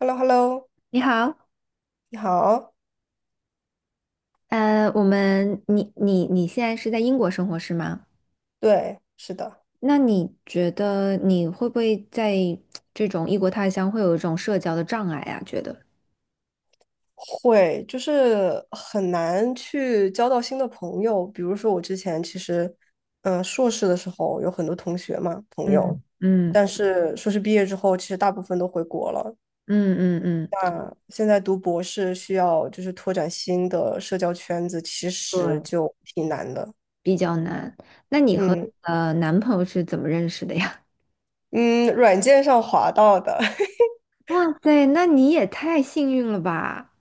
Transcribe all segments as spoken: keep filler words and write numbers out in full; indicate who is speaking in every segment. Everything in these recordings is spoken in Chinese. Speaker 1: h e l l o h e l l o
Speaker 2: 你好，
Speaker 1: 你好。
Speaker 2: 呃，我们你你你现在是在英国生活是吗？
Speaker 1: 对，是的，
Speaker 2: 那你觉得你会不会在这种异国他乡会有一种社交的障碍啊？觉得，
Speaker 1: 会，就是很难去交到新的朋友。比如说，我之前其实，嗯、硕士的时候有很多同学嘛，朋友，
Speaker 2: 嗯，嗯
Speaker 1: 但是硕士毕业之后，其实大部分都回国了。
Speaker 2: 嗯嗯嗯，
Speaker 1: 那现在读博士需要就是拓展新的社交圈子，其实
Speaker 2: 对，
Speaker 1: 就挺难的。
Speaker 2: 比较难。那你和
Speaker 1: 嗯
Speaker 2: 呃男朋友是怎么认识的呀？
Speaker 1: 嗯，软件上滑到的，
Speaker 2: 哇塞，那你也太幸运了吧！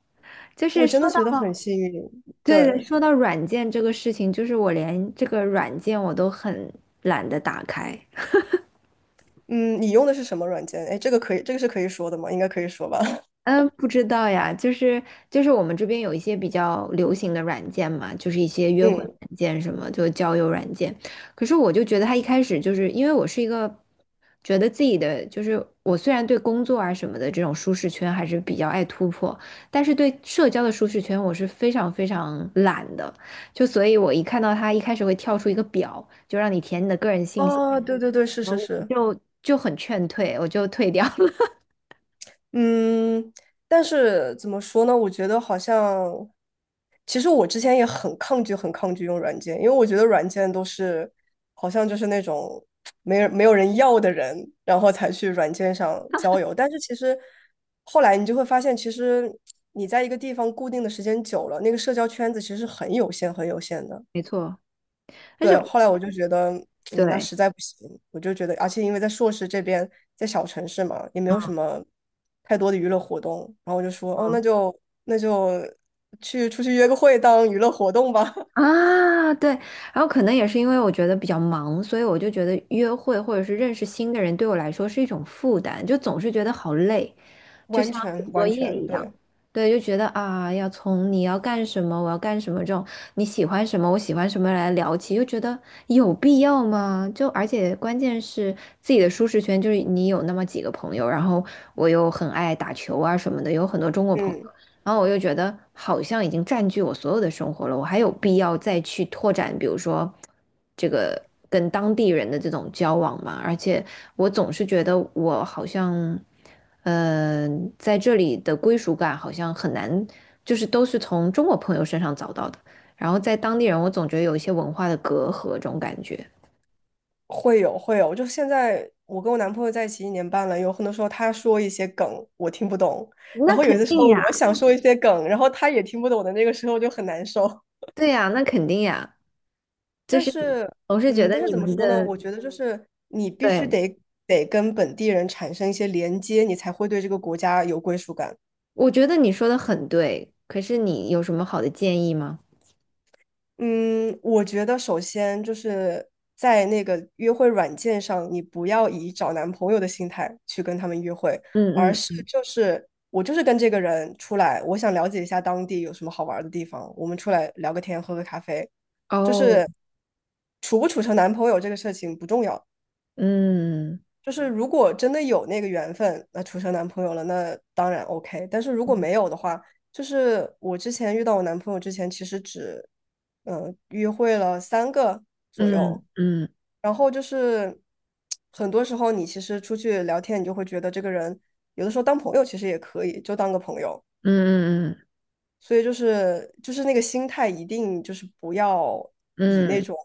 Speaker 2: 就 是
Speaker 1: 我
Speaker 2: 说
Speaker 1: 真的觉得很
Speaker 2: 到，
Speaker 1: 幸运。
Speaker 2: 对的，
Speaker 1: 对，
Speaker 2: 说到软件这个事情，就是我连这个软件我都很懒得打开。
Speaker 1: 嗯，你用的是什么软件？哎，这个可以，这个是可以说的吗？应该可以说吧。
Speaker 2: 嗯，不知道呀，就是就是我们这边有一些比较流行的软件嘛，就是一些约会
Speaker 1: 嗯，
Speaker 2: 软件什么，就交友软件。可是我就觉得他一开始就是因为我是一个觉得自己的就是我虽然对工作啊什么的这种舒适圈还是比较爱突破，但是对社交的舒适圈我是非常非常懒的，就所以我一看到他一开始会跳出一个表，就让你填你的个人信息，
Speaker 1: 哦，对对对，是
Speaker 2: 然
Speaker 1: 是
Speaker 2: 后我
Speaker 1: 是。
Speaker 2: 就就很劝退，我就退掉了。
Speaker 1: 嗯，但是怎么说呢？我觉得好像，其实我之前也很抗拒，很抗拒用软件，因为我觉得软件都是好像就是那种没人没有人要的人，然后才去软件上交友。但是其实后来你就会发现，其实你在一个地方固定的时间久了，那个社交圈子其实是很有限、很有限的。
Speaker 2: 没错，但是
Speaker 1: 对，后来我就觉得，嗯，那
Speaker 2: 对。
Speaker 1: 实在不行，我就觉得，而且因为在硕士这边，在小城市嘛，也没有什么太多的娱乐活动，然后我就说，哦，那
Speaker 2: 嗯
Speaker 1: 就那就去出去约个会当娱乐活动吧，
Speaker 2: 啊，对，然后可能也是因为我觉得比较忙，所以我就觉得约会或者是认识新的人对我来说是一种负担，就总是觉得好累，就
Speaker 1: 完
Speaker 2: 像写
Speaker 1: 全
Speaker 2: 作
Speaker 1: 完
Speaker 2: 业
Speaker 1: 全
Speaker 2: 一样。
Speaker 1: 对，
Speaker 2: 对，就觉得啊，要从你要干什么，我要干什么这种你喜欢什么，我喜欢什么来聊起，就觉得有必要吗？就而且关键是自己的舒适圈，就是你有那么几个朋友，然后我又很爱打球啊什么的，有很多中国朋
Speaker 1: 嗯，
Speaker 2: 友。然后我又觉得好像已经占据我所有的生活了，我还有必要再去拓展，比如说这个跟当地人的这种交往吗？而且我总是觉得我好像，嗯，在这里的归属感好像很难，就是都是从中国朋友身上找到的。然后在当地人，我总觉得有一些文化的隔阂，这种感觉。
Speaker 1: 会有会有，就现在我跟我男朋友在一起一年半了，有很多时候他说一些梗我听不懂，然
Speaker 2: 那
Speaker 1: 后有
Speaker 2: 肯
Speaker 1: 的时
Speaker 2: 定
Speaker 1: 候
Speaker 2: 呀。
Speaker 1: 我想说一些梗，然后他也听不懂的那个时候就很难受。
Speaker 2: 对呀，那肯定呀，就
Speaker 1: 但
Speaker 2: 是
Speaker 1: 是，
Speaker 2: 我是觉
Speaker 1: 嗯，
Speaker 2: 得
Speaker 1: 但是
Speaker 2: 你
Speaker 1: 怎么
Speaker 2: 们
Speaker 1: 说呢？
Speaker 2: 的，
Speaker 1: 我觉得就是你必须
Speaker 2: 对，
Speaker 1: 得得跟本地人产生一些连接，你才会对这个国家有归属感。
Speaker 2: 我觉得你说的很对，可是你有什么好的建议吗？
Speaker 1: 嗯，我觉得首先就是在那个约会软件上，你不要以找男朋友的心态去跟他们约会，而
Speaker 2: 嗯
Speaker 1: 是
Speaker 2: 嗯，
Speaker 1: 就是我就是跟这个人出来，我想了解一下当地有什么好玩儿的地方，我们出来聊个天，喝个咖啡，就
Speaker 2: 哦，
Speaker 1: 是处不处成男朋友这个事情不重要，
Speaker 2: 嗯
Speaker 1: 就是如果真的有那个缘分，那处成男朋友了，那当然 OK。但是如果没有的话，就是我之前遇到我男朋友之前，其实只嗯、呃约会了三个左
Speaker 2: 嗯
Speaker 1: 右，
Speaker 2: 嗯
Speaker 1: 然后就是很多时候你其实出去聊天，你就会觉得这个人有的时候当朋友其实也可以，就当个朋友。
Speaker 2: 嗯嗯
Speaker 1: 所以就是就是那个心态一定就是不要以那
Speaker 2: 嗯
Speaker 1: 种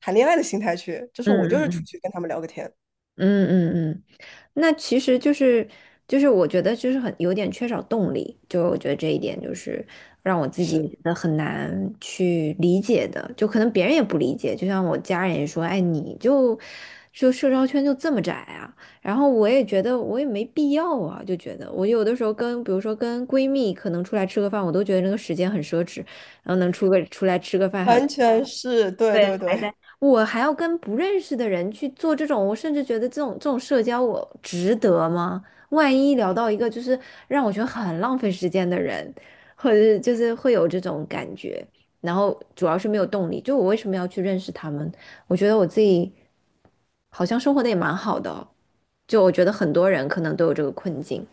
Speaker 1: 谈恋爱的心态去，就是我就
Speaker 2: 嗯
Speaker 1: 是出
Speaker 2: 嗯
Speaker 1: 去跟他们聊个天，
Speaker 2: 嗯嗯嗯嗯嗯嗯嗯那其实就是就是我觉得就是很有点缺少动力，就我觉得这一点就是让我自己
Speaker 1: 是。
Speaker 2: 觉得很难去理解的，就可能别人也不理解，就像我家人也说，哎，你就就社交圈就这么窄啊，然后我也觉得我也没必要啊，就觉得我有的时候跟比如说跟闺蜜可能出来吃个饭，我都觉得那个时间很奢侈，然后能出个出来吃个饭还
Speaker 1: 完全是，对
Speaker 2: 对，
Speaker 1: 对
Speaker 2: 还
Speaker 1: 对。
Speaker 2: 在，我还要跟不认识的人去做这种，我甚至觉得这种这种社交，我值得吗？万一聊到一个就是让我觉得很浪费时间的人，或者是就是会有这种感觉，然后主要是没有动力，就我为什么要去认识他们？我觉得我自己好像生活的也蛮好的哦，就我觉得很多人可能都有这个困境。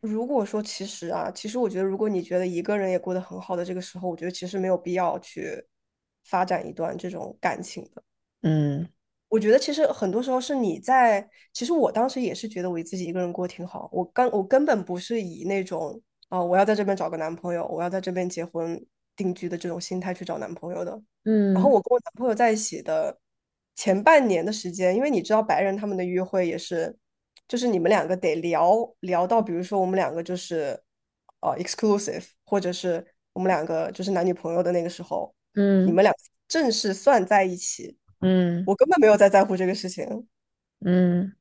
Speaker 1: 如果说其实啊，其实我觉得，如果你觉得一个人也过得很好的这个时候，我觉得其实没有必要去发展一段这种感情的。
Speaker 2: 嗯
Speaker 1: 我觉得其实很多时候是你在，其实我当时也是觉得我自己一个人过挺好，我刚我根本不是以那种啊、我要在这边找个男朋友，我要在这边结婚定居的这种心态去找男朋友的。然后
Speaker 2: 嗯
Speaker 1: 我跟我男朋友在一起的前半年的时间，因为你知道白人他们的约会也是，就是你们两个得聊聊到，比如说我们两个就是呃 exclusive，或者是我们两个就是男女朋友的那个时候。你
Speaker 2: 嗯
Speaker 1: 们俩正式算在一起，
Speaker 2: 嗯
Speaker 1: 我根本没有在在乎这个事情。
Speaker 2: 嗯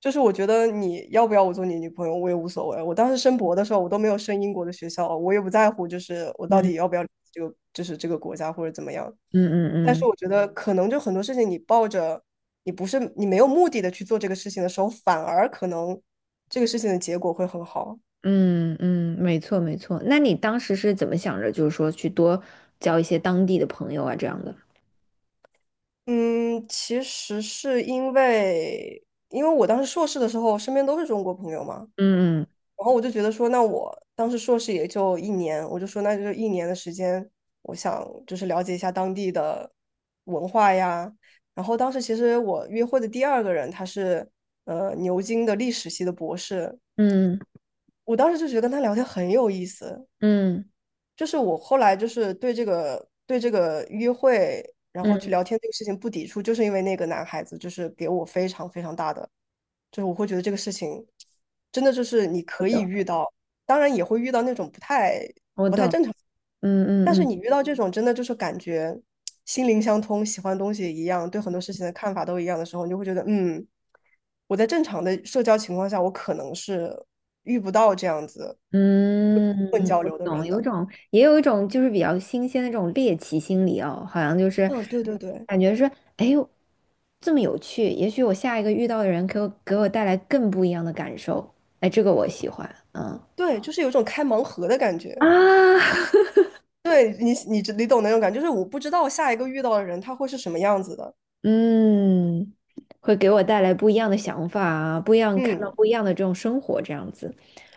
Speaker 1: 就是我觉得你要不要我做你女朋友，我也无所谓。我当时申博的时候，我都没有申英国的学校，我也不在乎，就是我
Speaker 2: 嗯
Speaker 1: 到
Speaker 2: 嗯
Speaker 1: 底要不要这个，就是这个国家或者怎么样。
Speaker 2: 嗯
Speaker 1: 但
Speaker 2: 嗯
Speaker 1: 是
Speaker 2: 嗯
Speaker 1: 我觉得，可能就很多事情，你抱着你不是你没有目的的去做这个事情的时候，反而可能这个事情的结果会很好。
Speaker 2: 嗯嗯，没错没错。那你当时是怎么想着，就是说去多交一些当地的朋友啊这样的？
Speaker 1: 嗯，其实是因为，因为我当时硕士的时候，身边都是中国朋友嘛，
Speaker 2: 嗯
Speaker 1: 然后我就觉得说，那我当时硕士也就一年，我就说那就一年的时间，我想就是了解一下当地的文化呀。然后当时其实我约会的第二个人，他是呃牛津的历史系的博士，
Speaker 2: 嗯
Speaker 1: 我当时就觉得跟他聊天很有意思。
Speaker 2: 嗯
Speaker 1: 就是我后来就是对这个对这个约会，然
Speaker 2: 嗯，
Speaker 1: 后
Speaker 2: 嗯，
Speaker 1: 去聊天这个事情不抵触，就是因为那个男孩子就是给我非常非常大的就是我会觉得这个事情真的就是你
Speaker 2: 我
Speaker 1: 可以
Speaker 2: 懂
Speaker 1: 遇到，当然也会遇到那种不太
Speaker 2: 我
Speaker 1: 不太
Speaker 2: 懂，
Speaker 1: 正常，
Speaker 2: 嗯
Speaker 1: 但是你
Speaker 2: 嗯
Speaker 1: 遇到这种真的就是感觉心灵相通，喜欢东西一样，对很多事情的看法都一样的时候，你就会觉得，嗯，我在正常的社交情况下，我可能是遇不到这样子
Speaker 2: 嗯
Speaker 1: 混
Speaker 2: 嗯，
Speaker 1: 交
Speaker 2: 我
Speaker 1: 流的
Speaker 2: 懂，
Speaker 1: 人
Speaker 2: 有一
Speaker 1: 的。
Speaker 2: 种也有一种就是比较新鲜的这种猎奇心理哦，好像就是
Speaker 1: 嗯，对对对
Speaker 2: 感觉是哎呦这么有趣，也许我下一个遇到的人给我给我带来更不一样的感受，哎，这个我喜欢，嗯
Speaker 1: 对，就是有一种开盲盒的感
Speaker 2: 啊。
Speaker 1: 觉。对你，你你懂那种感觉，就是我不知道下一个遇到的人他会是什么样子的。
Speaker 2: 嗯，会给我带来不一样的想法啊，不一样，看到
Speaker 1: 嗯，
Speaker 2: 不一样的这种生活这样子，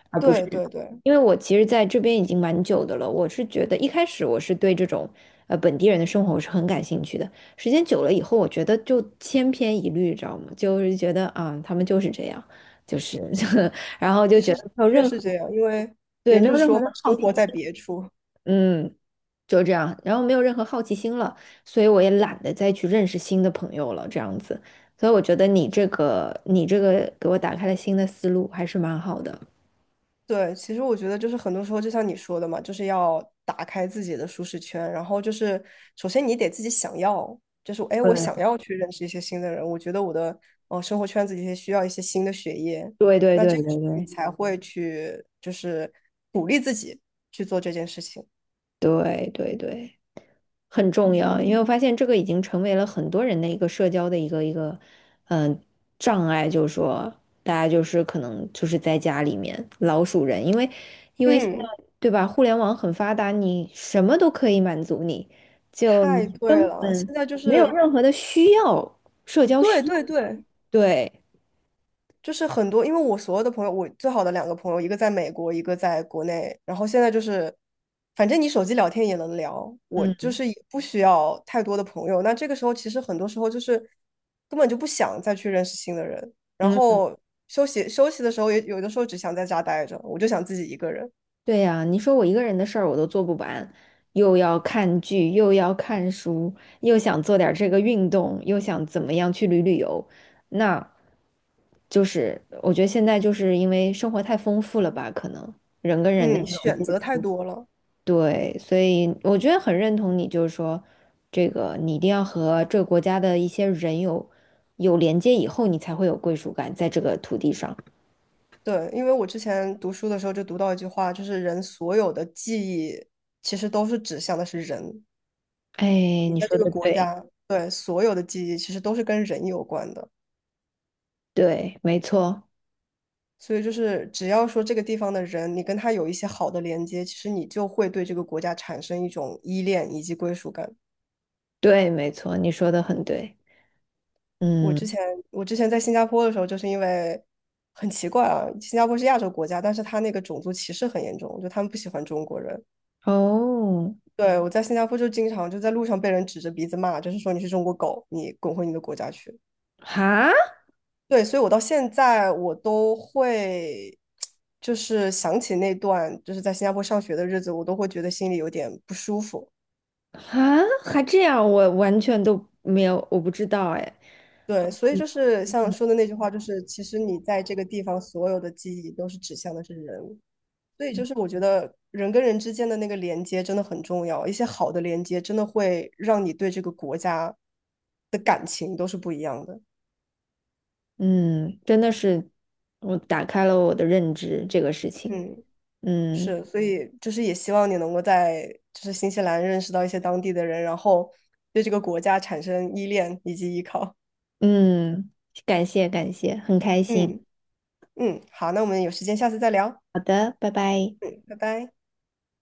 Speaker 2: 而不是
Speaker 1: 对对对，
Speaker 2: 因为我其实在这边已经蛮久的了，我是觉得一开始我是对这种呃本地人的生活我是很感兴趣的，时间久了以后，我觉得就千篇一律，知道吗？就是觉得啊，他们就是这样，就是 然后就
Speaker 1: 其
Speaker 2: 觉
Speaker 1: 实
Speaker 2: 得没有
Speaker 1: 的确
Speaker 2: 任
Speaker 1: 是
Speaker 2: 何
Speaker 1: 这样，因为
Speaker 2: 对，
Speaker 1: 别人
Speaker 2: 没
Speaker 1: 就
Speaker 2: 有
Speaker 1: 是
Speaker 2: 任
Speaker 1: 说
Speaker 2: 何
Speaker 1: 嘛，
Speaker 2: 的好
Speaker 1: 生
Speaker 2: 奇
Speaker 1: 活在
Speaker 2: 心，
Speaker 1: 别处。
Speaker 2: 嗯，就这样，然后没有任何好奇心了，所以我也懒得再去认识新的朋友了，这样子。所以我觉得你这个，你这个给我打开了新的思路，还是蛮好的。
Speaker 1: 对，其实我觉得就是很多时候，就像你说的嘛，就是要打开自己的舒适圈，然后就是首先你得自己想要，就是哎，诶我
Speaker 2: 对。
Speaker 1: 想要去认识一些新的人，我觉得我的呃生活圈子里面需要一些新的血液，
Speaker 2: 对对
Speaker 1: 那
Speaker 2: 对
Speaker 1: 这
Speaker 2: 对
Speaker 1: 个时候你
Speaker 2: 对
Speaker 1: 才会去就是鼓励自己去做这件事情。
Speaker 2: 对对对。很重要，因为我发现这个已经成为了很多人的一个社交的一个一个，嗯、障碍，就是说大家就是可能就是在家里面老鼠人，因为因为现
Speaker 1: 嗯，
Speaker 2: 在对吧，互联网很发达，你什么都可以满足你，就
Speaker 1: 太
Speaker 2: 你
Speaker 1: 对
Speaker 2: 根
Speaker 1: 了，现
Speaker 2: 本
Speaker 1: 在就
Speaker 2: 没有
Speaker 1: 是
Speaker 2: 任何的需要，社交需
Speaker 1: 对
Speaker 2: 要
Speaker 1: 对对，
Speaker 2: 对，
Speaker 1: 就是很多，因为我所有的朋友，我最好的两个朋友，一个在美国，一个在国内。然后现在就是，反正你手机聊天也能聊，我就
Speaker 2: 嗯
Speaker 1: 是也不需要太多的朋友。那这个时候，其实很多时候就是根本就不想再去认识新的人。然
Speaker 2: 嗯。
Speaker 1: 后休息休息的时候也，有的时候只想在家待着，我就想自己一个人。
Speaker 2: 对呀，你说我一个人的事儿我都做不完，又要看剧，又要看书，又想做点儿这个运动，又想怎么样去旅旅游，那就是我觉得现在就是因为生活太丰富了吧，可能人跟人的
Speaker 1: 嗯，选择太多了。
Speaker 2: 对，所以我觉得很认同你，就是说这个你一定要和这个国家的一些人有有连接以后，你才会有归属感在这个土地上。
Speaker 1: 对，因为我之前读书的时候就读到一句话，就是人所有的记忆其实都是指向的是人。
Speaker 2: 哎，
Speaker 1: 你
Speaker 2: 你
Speaker 1: 在
Speaker 2: 说
Speaker 1: 这个
Speaker 2: 的
Speaker 1: 国
Speaker 2: 对，
Speaker 1: 家，对，所有的记忆其实都是跟人有关的。
Speaker 2: 对，没错，
Speaker 1: 所以就是只要说这个地方的人，你跟他有一些好的连接，其实你就会对这个国家产生一种依恋以及归属感。
Speaker 2: 对，没错，你说的很对。
Speaker 1: 我之
Speaker 2: 嗯，
Speaker 1: 前我之前在新加坡的时候，就是因为很奇怪啊，新加坡是亚洲国家，但是他那个种族歧视很严重，就他们不喜欢中国人。
Speaker 2: 哦，
Speaker 1: 对，我在新加坡就经常就在路上被人指着鼻子骂，就是说你是中国狗，你滚回你的国家去。
Speaker 2: 哈
Speaker 1: 对，所以我到现在我都会，就是想起那段就是在新加坡上学的日子，我都会觉得心里有点不舒服。
Speaker 2: 哈，还这样，我完全都没有，我不知道哎。
Speaker 1: 对，所以就是像说的那句话，就是其实你在这个地方所有的记忆都是指向的是人，所以就是我觉得人跟人之间的那个连接真的很重要，一些好的连接真的会让你对这个国家的感情都是不一样的。
Speaker 2: 嗯，真的是，我打开了我的认知，这个事情。
Speaker 1: 嗯。
Speaker 2: 嗯
Speaker 1: 是，所以就是也希望你能够在就是新西兰认识到一些当地的人，然后对这个国家产生依恋以及依靠。
Speaker 2: 嗯，感谢感谢，很开心。
Speaker 1: 嗯嗯，好，那我们有时间下次再聊。
Speaker 2: 好的，拜拜。
Speaker 1: 嗯，拜拜。